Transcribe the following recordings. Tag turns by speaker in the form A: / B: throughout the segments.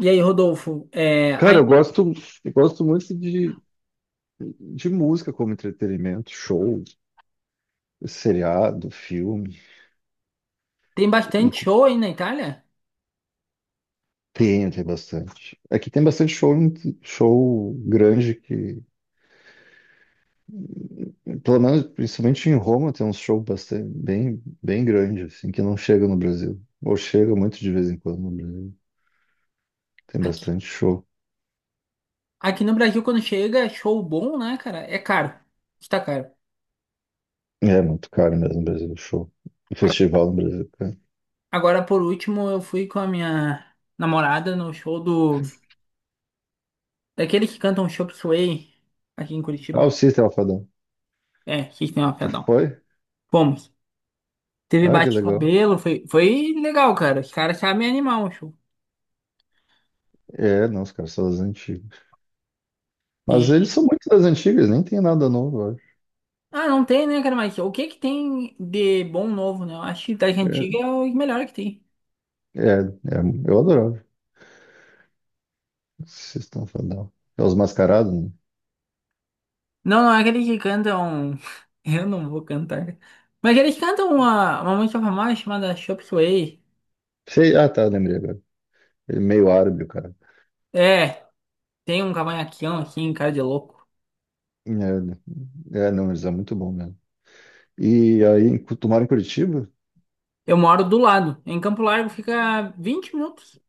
A: E aí, Rodolfo, é,
B: Cara, eu
A: aí
B: gosto, eu gosto muito de música como entretenimento, show, seriado, filme,
A: tem
B: e
A: bastante show aí na Itália?
B: tem bastante. Aqui tem bastante show, show grande que, pelo menos, principalmente em Roma, tem uns shows bastante, bem, bem grande, assim, que não chega no Brasil. Ou chega muito de vez em quando no Brasil. Tem
A: Aqui,
B: bastante show.
A: aqui no Brasil, quando chega, é show bom, né, cara? É caro. Está caro.
B: É muito caro mesmo no Brasil, show.
A: A-
B: Festival no Brasil, cara.
A: Agora, por último, eu fui com a minha namorada no show do... Daqueles que cantam Chop Suey aqui em
B: Ah,
A: Curitiba.
B: o System Alfadão.
A: É, System of a
B: Tu
A: Down.
B: foi?
A: Fomos. Teve
B: Ah, que legal.
A: bate-cabelo, foi legal, cara. Os caras sabem animar o show.
B: É, não, os caras são as antigas. Mas eles
A: E...
B: são muito das antigas, nem tem nada novo, eu acho.
A: Ah, não tem, né, cara? Mas o que que tem de bom novo, né? Eu acho que das antigas é o melhor que tem.
B: É, é, é, eu adorava. Vocês estão falando. É os mascarados, né?
A: Não, não é aquele que cantam. Eu não vou cantar. Mas eles cantam uma música famosa chamada Chop Suey.
B: Sei, ah, tá, lembrei agora. Ele é meio árabe, o cara.
A: É, tem um cavanhaquinho aqui em casa de louco.
B: É, é, não, eles é muito bom mesmo. E aí, tu mora em Curitiba?
A: Eu moro do lado. Em Campo Largo fica 20 minutos.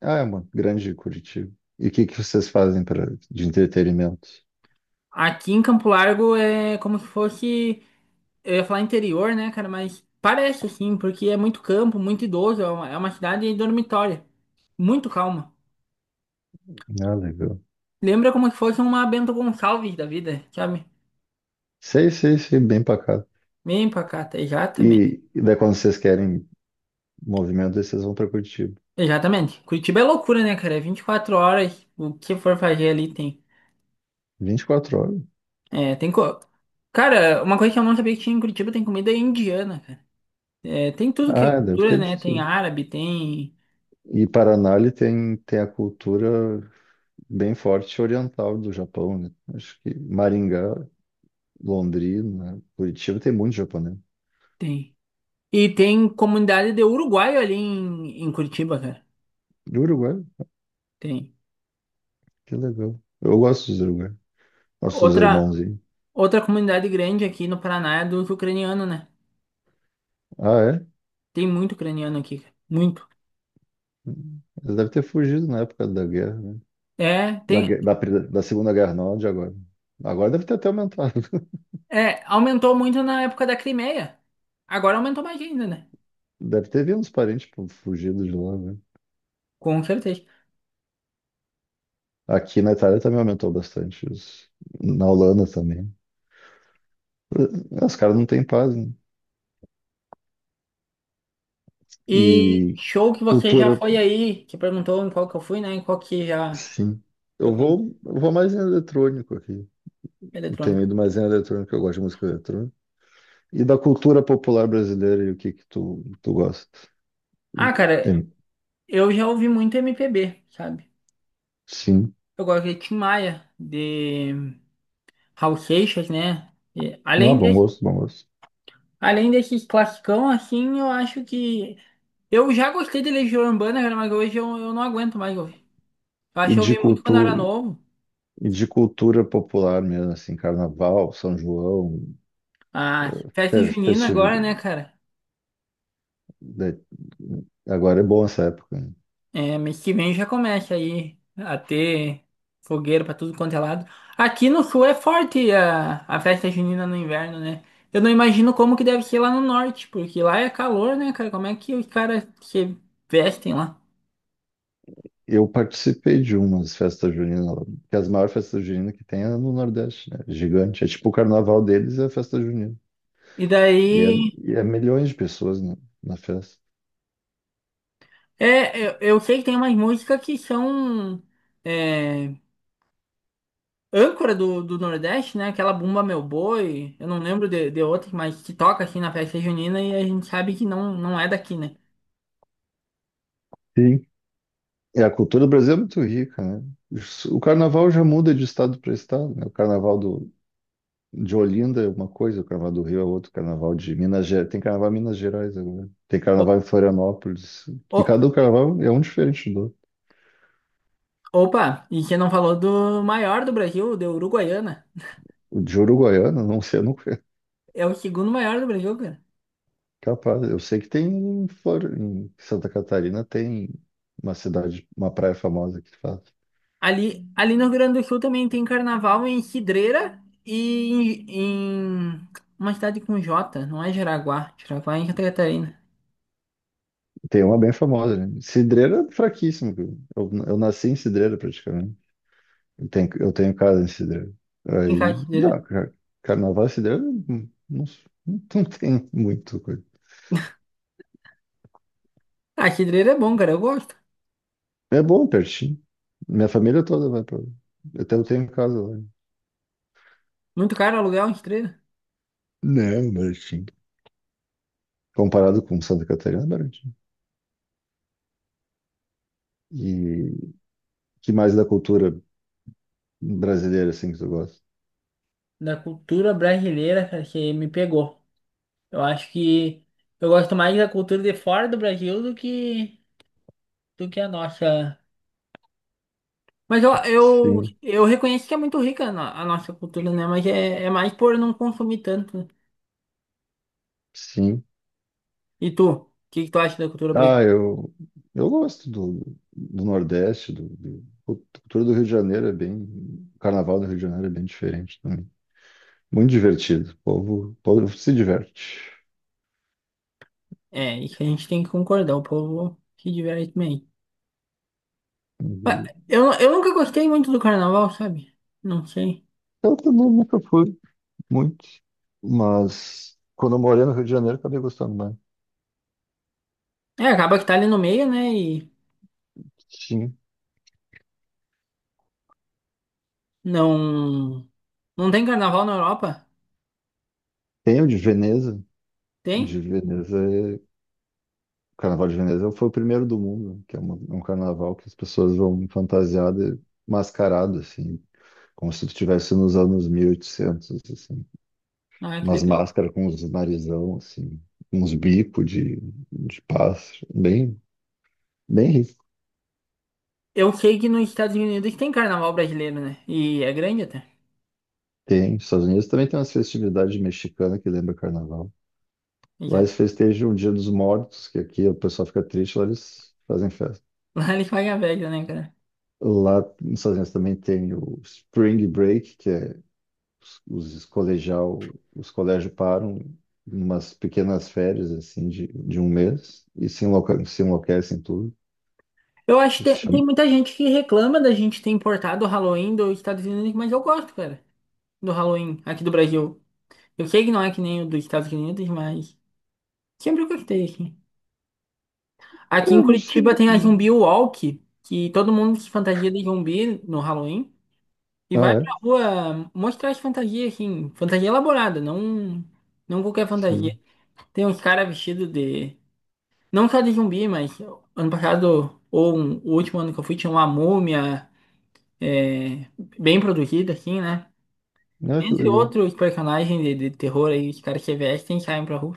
B: Ah, é uma grande Curitiba. E o que que vocês fazem de entretenimento?
A: Aqui em Campo Largo é como se fosse. Eu ia falar interior, né, cara? Mas parece assim, porque é muito campo, muito idoso. É uma cidade dormitória. Muito calma.
B: Ah, legal.
A: Lembra como se fosse uma Bento Gonçalves da vida, sabe?
B: Sei, sei, sei, bem pacato.
A: Bem pacata. E Já também.
B: E daí quando vocês querem movimento, daí vocês vão pra Curitiba.
A: Exatamente. Curitiba é loucura, né, cara? É 24 horas, o que for fazer ali tem.
B: 24 horas.
A: É, tem co... Cara, uma coisa que eu não sabia que tinha em Curitiba tem comida indiana, cara. É, tem tudo que é
B: Ah, deve
A: cultura,
B: ter de
A: né? Tem
B: tudo.
A: árabe, tem.
B: E Paraná ele tem a cultura bem forte oriental do Japão, né? Acho que Maringá, Londrina, né? Curitiba tem muito japonês.
A: Tem. E tem comunidade de uruguaio ali em Curitiba, cara.
B: E Uruguai,
A: Tem.
B: que legal. Eu gosto dos Uruguai, nossos
A: Outra,
B: irmãozinhos.
A: outra comunidade grande aqui no Paraná é dos ucranianos, né?
B: Ah, é?
A: Tem muito ucraniano aqui, cara. Muito.
B: Eles devem ter fugido na época da guerra, né?
A: É,
B: Da,
A: tem.
B: gue- da, pri- da Segunda Guerra, não, de agora. Agora deve ter até aumentado.
A: É, aumentou muito na época da Crimeia. Agora aumentou mais ainda, né?
B: Deve ter vindo uns parentes tipo, fugidos de lá, né?
A: Com certeza.
B: Aqui na Itália também aumentou bastante. Na Holanda também. Ah, os caras não têm paz, né?
A: E
B: E
A: show que você já
B: cultura,
A: foi aí, que perguntou em qual que eu fui, né? Em qual que já
B: sim.
A: foi
B: Eu
A: com
B: vou, eu vou mais em eletrônico aqui. Eu tenho
A: eletrônico.
B: ido mais em eletrônico, eu gosto de música eletrônica. E da cultura popular brasileira e o que que tu gosta?
A: Ah, cara,
B: Tem.
A: eu já ouvi muito MPB, sabe?
B: Sim.
A: Eu gosto de Tim Maia, de Raul Seixas, né? E
B: Não,
A: além
B: bom
A: desse,
B: gosto, bom gosto.
A: além desses classicão, assim, eu acho que... Eu já gostei de Legião Urbana, cara, mas hoje eu não aguento mais ouvir. Eu acho
B: E
A: que eu
B: de
A: ouvi muito quando eu era
B: cultura,
A: novo.
B: e de cultura popular mesmo, assim, carnaval, São João,
A: Ah, festa
B: fe-
A: junina agora,
B: festividade.
A: né, cara?
B: Agora é bom essa época, né?
A: É, mês que vem já começa aí a ter fogueira pra tudo quanto é lado. Aqui no sul é forte a festa junina no inverno, né? Eu não imagino como que deve ser lá no norte, porque lá é calor, né, cara? Como é que os caras se vestem lá?
B: Eu participei de umas festas juninas, que é as maiores festas juninas que tem é no Nordeste, né? Gigante. É tipo o carnaval deles é a festa junina.
A: E
B: E é,
A: daí,
B: e é milhões de pessoas na festa.
A: eu sei que tem umas músicas que são é, âncora do Nordeste, né? Aquela Bumba Meu Boi, eu não lembro de outras, mas que toca assim na festa junina e a gente sabe que não, não é daqui, né?
B: Sim. E a cultura do Brasil é muito rica, né? O carnaval já muda de estado para estado, né? O carnaval de Olinda é uma coisa, o carnaval do Rio é outro, o carnaval de Minas Gerais. Tem carnaval em Minas Gerais agora. Tem
A: Ô,
B: carnaval em Florianópolis, que
A: ô,
B: cada carnaval é um diferente do outro.
A: Opa, e você não falou do maior do Brasil, do Uruguaiana.
B: O de Uruguaiana, não sei, eu não.
A: É o segundo maior do Brasil, cara.
B: Capaz, eu sei que tem em Santa Catarina tem uma cidade, uma praia famosa que faz.
A: Ali no Rio Grande do Sul também tem carnaval em Cidreira e em uma cidade com J, não é Jaraguá. Jaraguá é em Santa Catarina.
B: Tem uma bem famosa, né? Cidreira é fraquíssimo, cara. Eu nasci em Cidreira praticamente. Eu tenho casa em Cidreira.
A: Em cá,
B: Aí,
A: Cidreira.
B: não, carnaval em Cidreira não, não, não tem muito coisa.
A: Ah, Cidreira é bom, cara, eu gosto.
B: É bom, pertinho. Minha família toda vai pra lá. Até eu tenho casa lá.
A: Muito caro aluguel em Cidreira.
B: Não, baratinho. Comparado com Santa Catarina, é baratinho. E que mais da cultura brasileira, assim, que tu gosta?
A: Da cultura brasileira, cara, que me pegou. Eu acho que eu gosto mais da cultura de fora do Brasil do que a nossa. Mas
B: Sim,
A: eu reconheço que é muito rica a nossa cultura, né? Mas é mais por não consumir tanto, né?
B: sim.
A: E tu? Que tu acha da cultura brasileira?
B: Ah, eu gosto do Nordeste. A cultura do Rio de Janeiro é bem. O Carnaval do Rio de Janeiro é bem diferente também. Muito divertido, o povo se diverte.
A: É, isso a gente tem que concordar, o povo se diverte bem. Mas
B: E
A: Eu nunca gostei muito do carnaval, sabe? Não sei.
B: eu também nunca fui muito, mas quando eu morei no Rio de Janeiro acabei gostando mais.
A: É, acaba que tá ali no meio, né? E
B: Sim.
A: não. Não tem carnaval na Europa?
B: Tem o
A: Tem?
B: de Veneza é... O Carnaval de Veneza foi o primeiro do mundo, que é um carnaval que as pessoas vão fantasiadas, mascaradas, assim, como se tu estivesse nos anos 1800 assim.
A: Ah, que
B: Umas
A: legal.
B: máscaras com uns narizão, assim. Uns bicos de pássaro. Bem, bem rico.
A: Eu sei que nos Estados Unidos tem carnaval brasileiro, né? E é grande até.
B: Tem. Nos Estados Unidos também tem umas festividades mexicanas que lembra carnaval. Lá
A: Já.
B: eles festejam o Dia dos Mortos, que aqui o pessoal fica triste, lá eles fazem festa.
A: Lá eles pagam a velha, né, cara?
B: Lá nos Estados Unidos também tem o Spring Break, que é os, os colégios param em umas pequenas férias assim de um mês e se enlouquecem tudo.
A: Eu acho que
B: Esse
A: tem
B: chama...
A: muita gente que reclama da gente ter importado o Halloween dos Estados Unidos, mas eu gosto, cara, do Halloween aqui do Brasil. Eu sei que não é que nem o dos Estados Unidos, mas sempre eu gostei, assim. Aqui em
B: Eu não
A: Curitiba
B: sei.
A: tem a Zumbi Walk, que todo mundo se fantasia de zumbi no Halloween e vai
B: Ah,
A: pra
B: é?
A: rua mostrar as fantasias, assim, fantasia elaborada, não, não qualquer fantasia.
B: Sim.
A: Tem uns caras vestidos de. Não só de zumbi, mas ano passado, ou um- o último ano que eu fui, tinha uma múmia. é, bem produzida, assim, né?
B: Ah, que
A: Entre
B: legal.
A: outros personagens de terror aí, os caras que vestem e saem pra rua.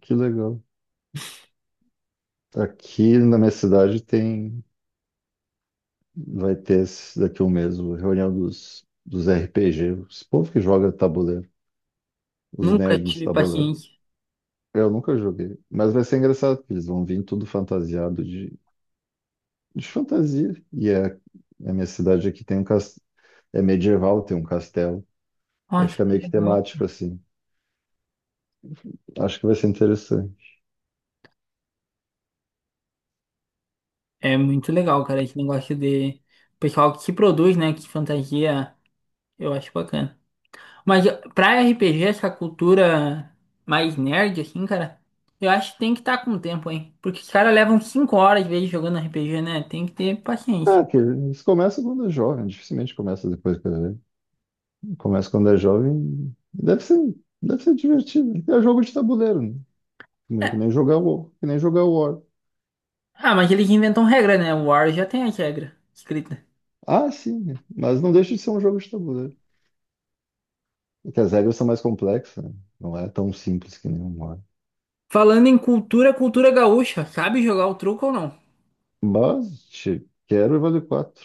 B: Que legal. Aqui na minha cidade tem. Vai ter daqui a um mês a reunião dos RPG, esse povo que joga tabuleiro, os
A: Nunca
B: nerds do
A: tive
B: tabuleiro.
A: paciência.
B: Eu nunca joguei, mas vai ser engraçado, porque eles vão vir tudo fantasiado de fantasia. E é, a minha cidade aqui tem um castelo, é medieval, tem um castelo. Aí
A: Nossa,
B: fica
A: que
B: meio que
A: legal.
B: temático assim. Acho que vai ser interessante.
A: É muito legal, cara, esse negócio de pessoal que se produz, né? Que fantasia, eu acho bacana. Mas pra RPG, essa cultura mais nerd, assim, cara, eu acho que tem que estar com o tempo, hein? Porque os caras levam 5 horas, às vezes, jogando RPG, né? Tem que ter paciência.
B: Ah, que eles começam quando é jovem, dificilmente começa depois que é velho. Começa quando é jovem. Deve ser divertido. É jogo de tabuleiro, né? Que nem que
A: É.
B: nem jogar o, que nem jogar o War.
A: Ah, mas eles inventam regra, né? O War já tem a regra escrita.
B: Ah, sim, mas não deixa de ser um jogo de tabuleiro. É que as regras são mais complexas, né? Não é tão simples que nem um War.
A: Falando em cultura, cultura gaúcha, sabe jogar o truco ou não?
B: Mas, quero e vale quatro.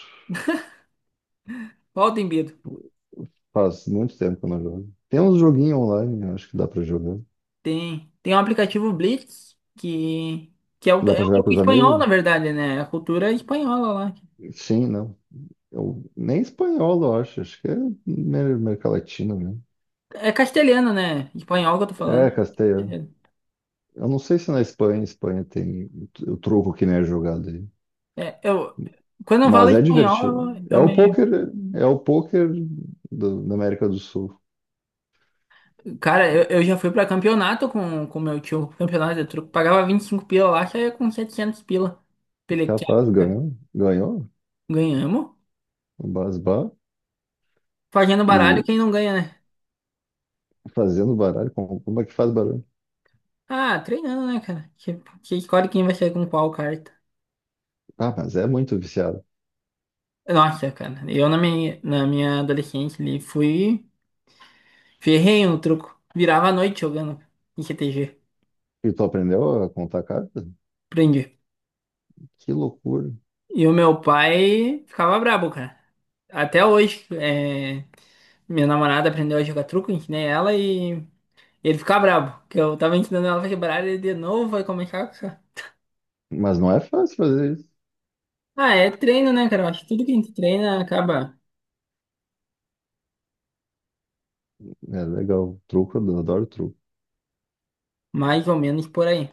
A: Qual tem medo?
B: Faz muito tempo que eu não jogo. Tem uns joguinhos online, eu acho que dá pra jogar.
A: Tem um aplicativo Blitz que é o,
B: Dá
A: é
B: pra
A: o
B: jogar com
A: truco
B: os
A: espanhol,
B: amigos?
A: na verdade, né? É A cultura espanhola lá.
B: Sim, não. Eu, nem espanhol, eu acho. Acho que é América Latina mesmo.
A: É castelhana, né? Espanhol que eu tô falando.
B: É, Castelha. Eu não sei se na Espanha, tem o truco que nem é jogado aí.
A: É, é, eu, quando eu falo
B: Mas é divertido.
A: espanhol,
B: É
A: eu
B: o
A: me.
B: pôquer, é o pôquer da América do Sul.
A: Cara, eu já fui pra campeonato com meu tio, campeonato de truco. Pagava 25 pila lá, saía com 700 pila. Pelequia,
B: Capaz, ganhou
A: ganhamos.
B: o Basbá
A: Fazendo baralho,
B: e
A: quem não ganha, né?
B: fazendo baralho. Como é que faz baralho?
A: Ah, treinando, né, cara? Que escolhe quem vai sair com qual carta.
B: Ah, mas é muito viciado.
A: Nossa, cara, eu na minha adolescência, ali fui ferrenho no truco. Virava a noite jogando em CTG.
B: E tu aprendeu a contar carta?
A: Aprendi.
B: Que loucura.
A: E o meu pai ficava brabo, cara. Até hoje, é, minha namorada aprendeu a jogar truco, ensinei ela e ele ficava brabo. Que eu tava ensinando ela a quebrar ele de novo, vai começar com essa.
B: Mas não é fácil fazer isso.
A: Ah, é treino, né, cara? Eu Acho que tudo que a gente treina acaba
B: É legal. Truco, eu adoro truco.
A: mais ou menos por aí.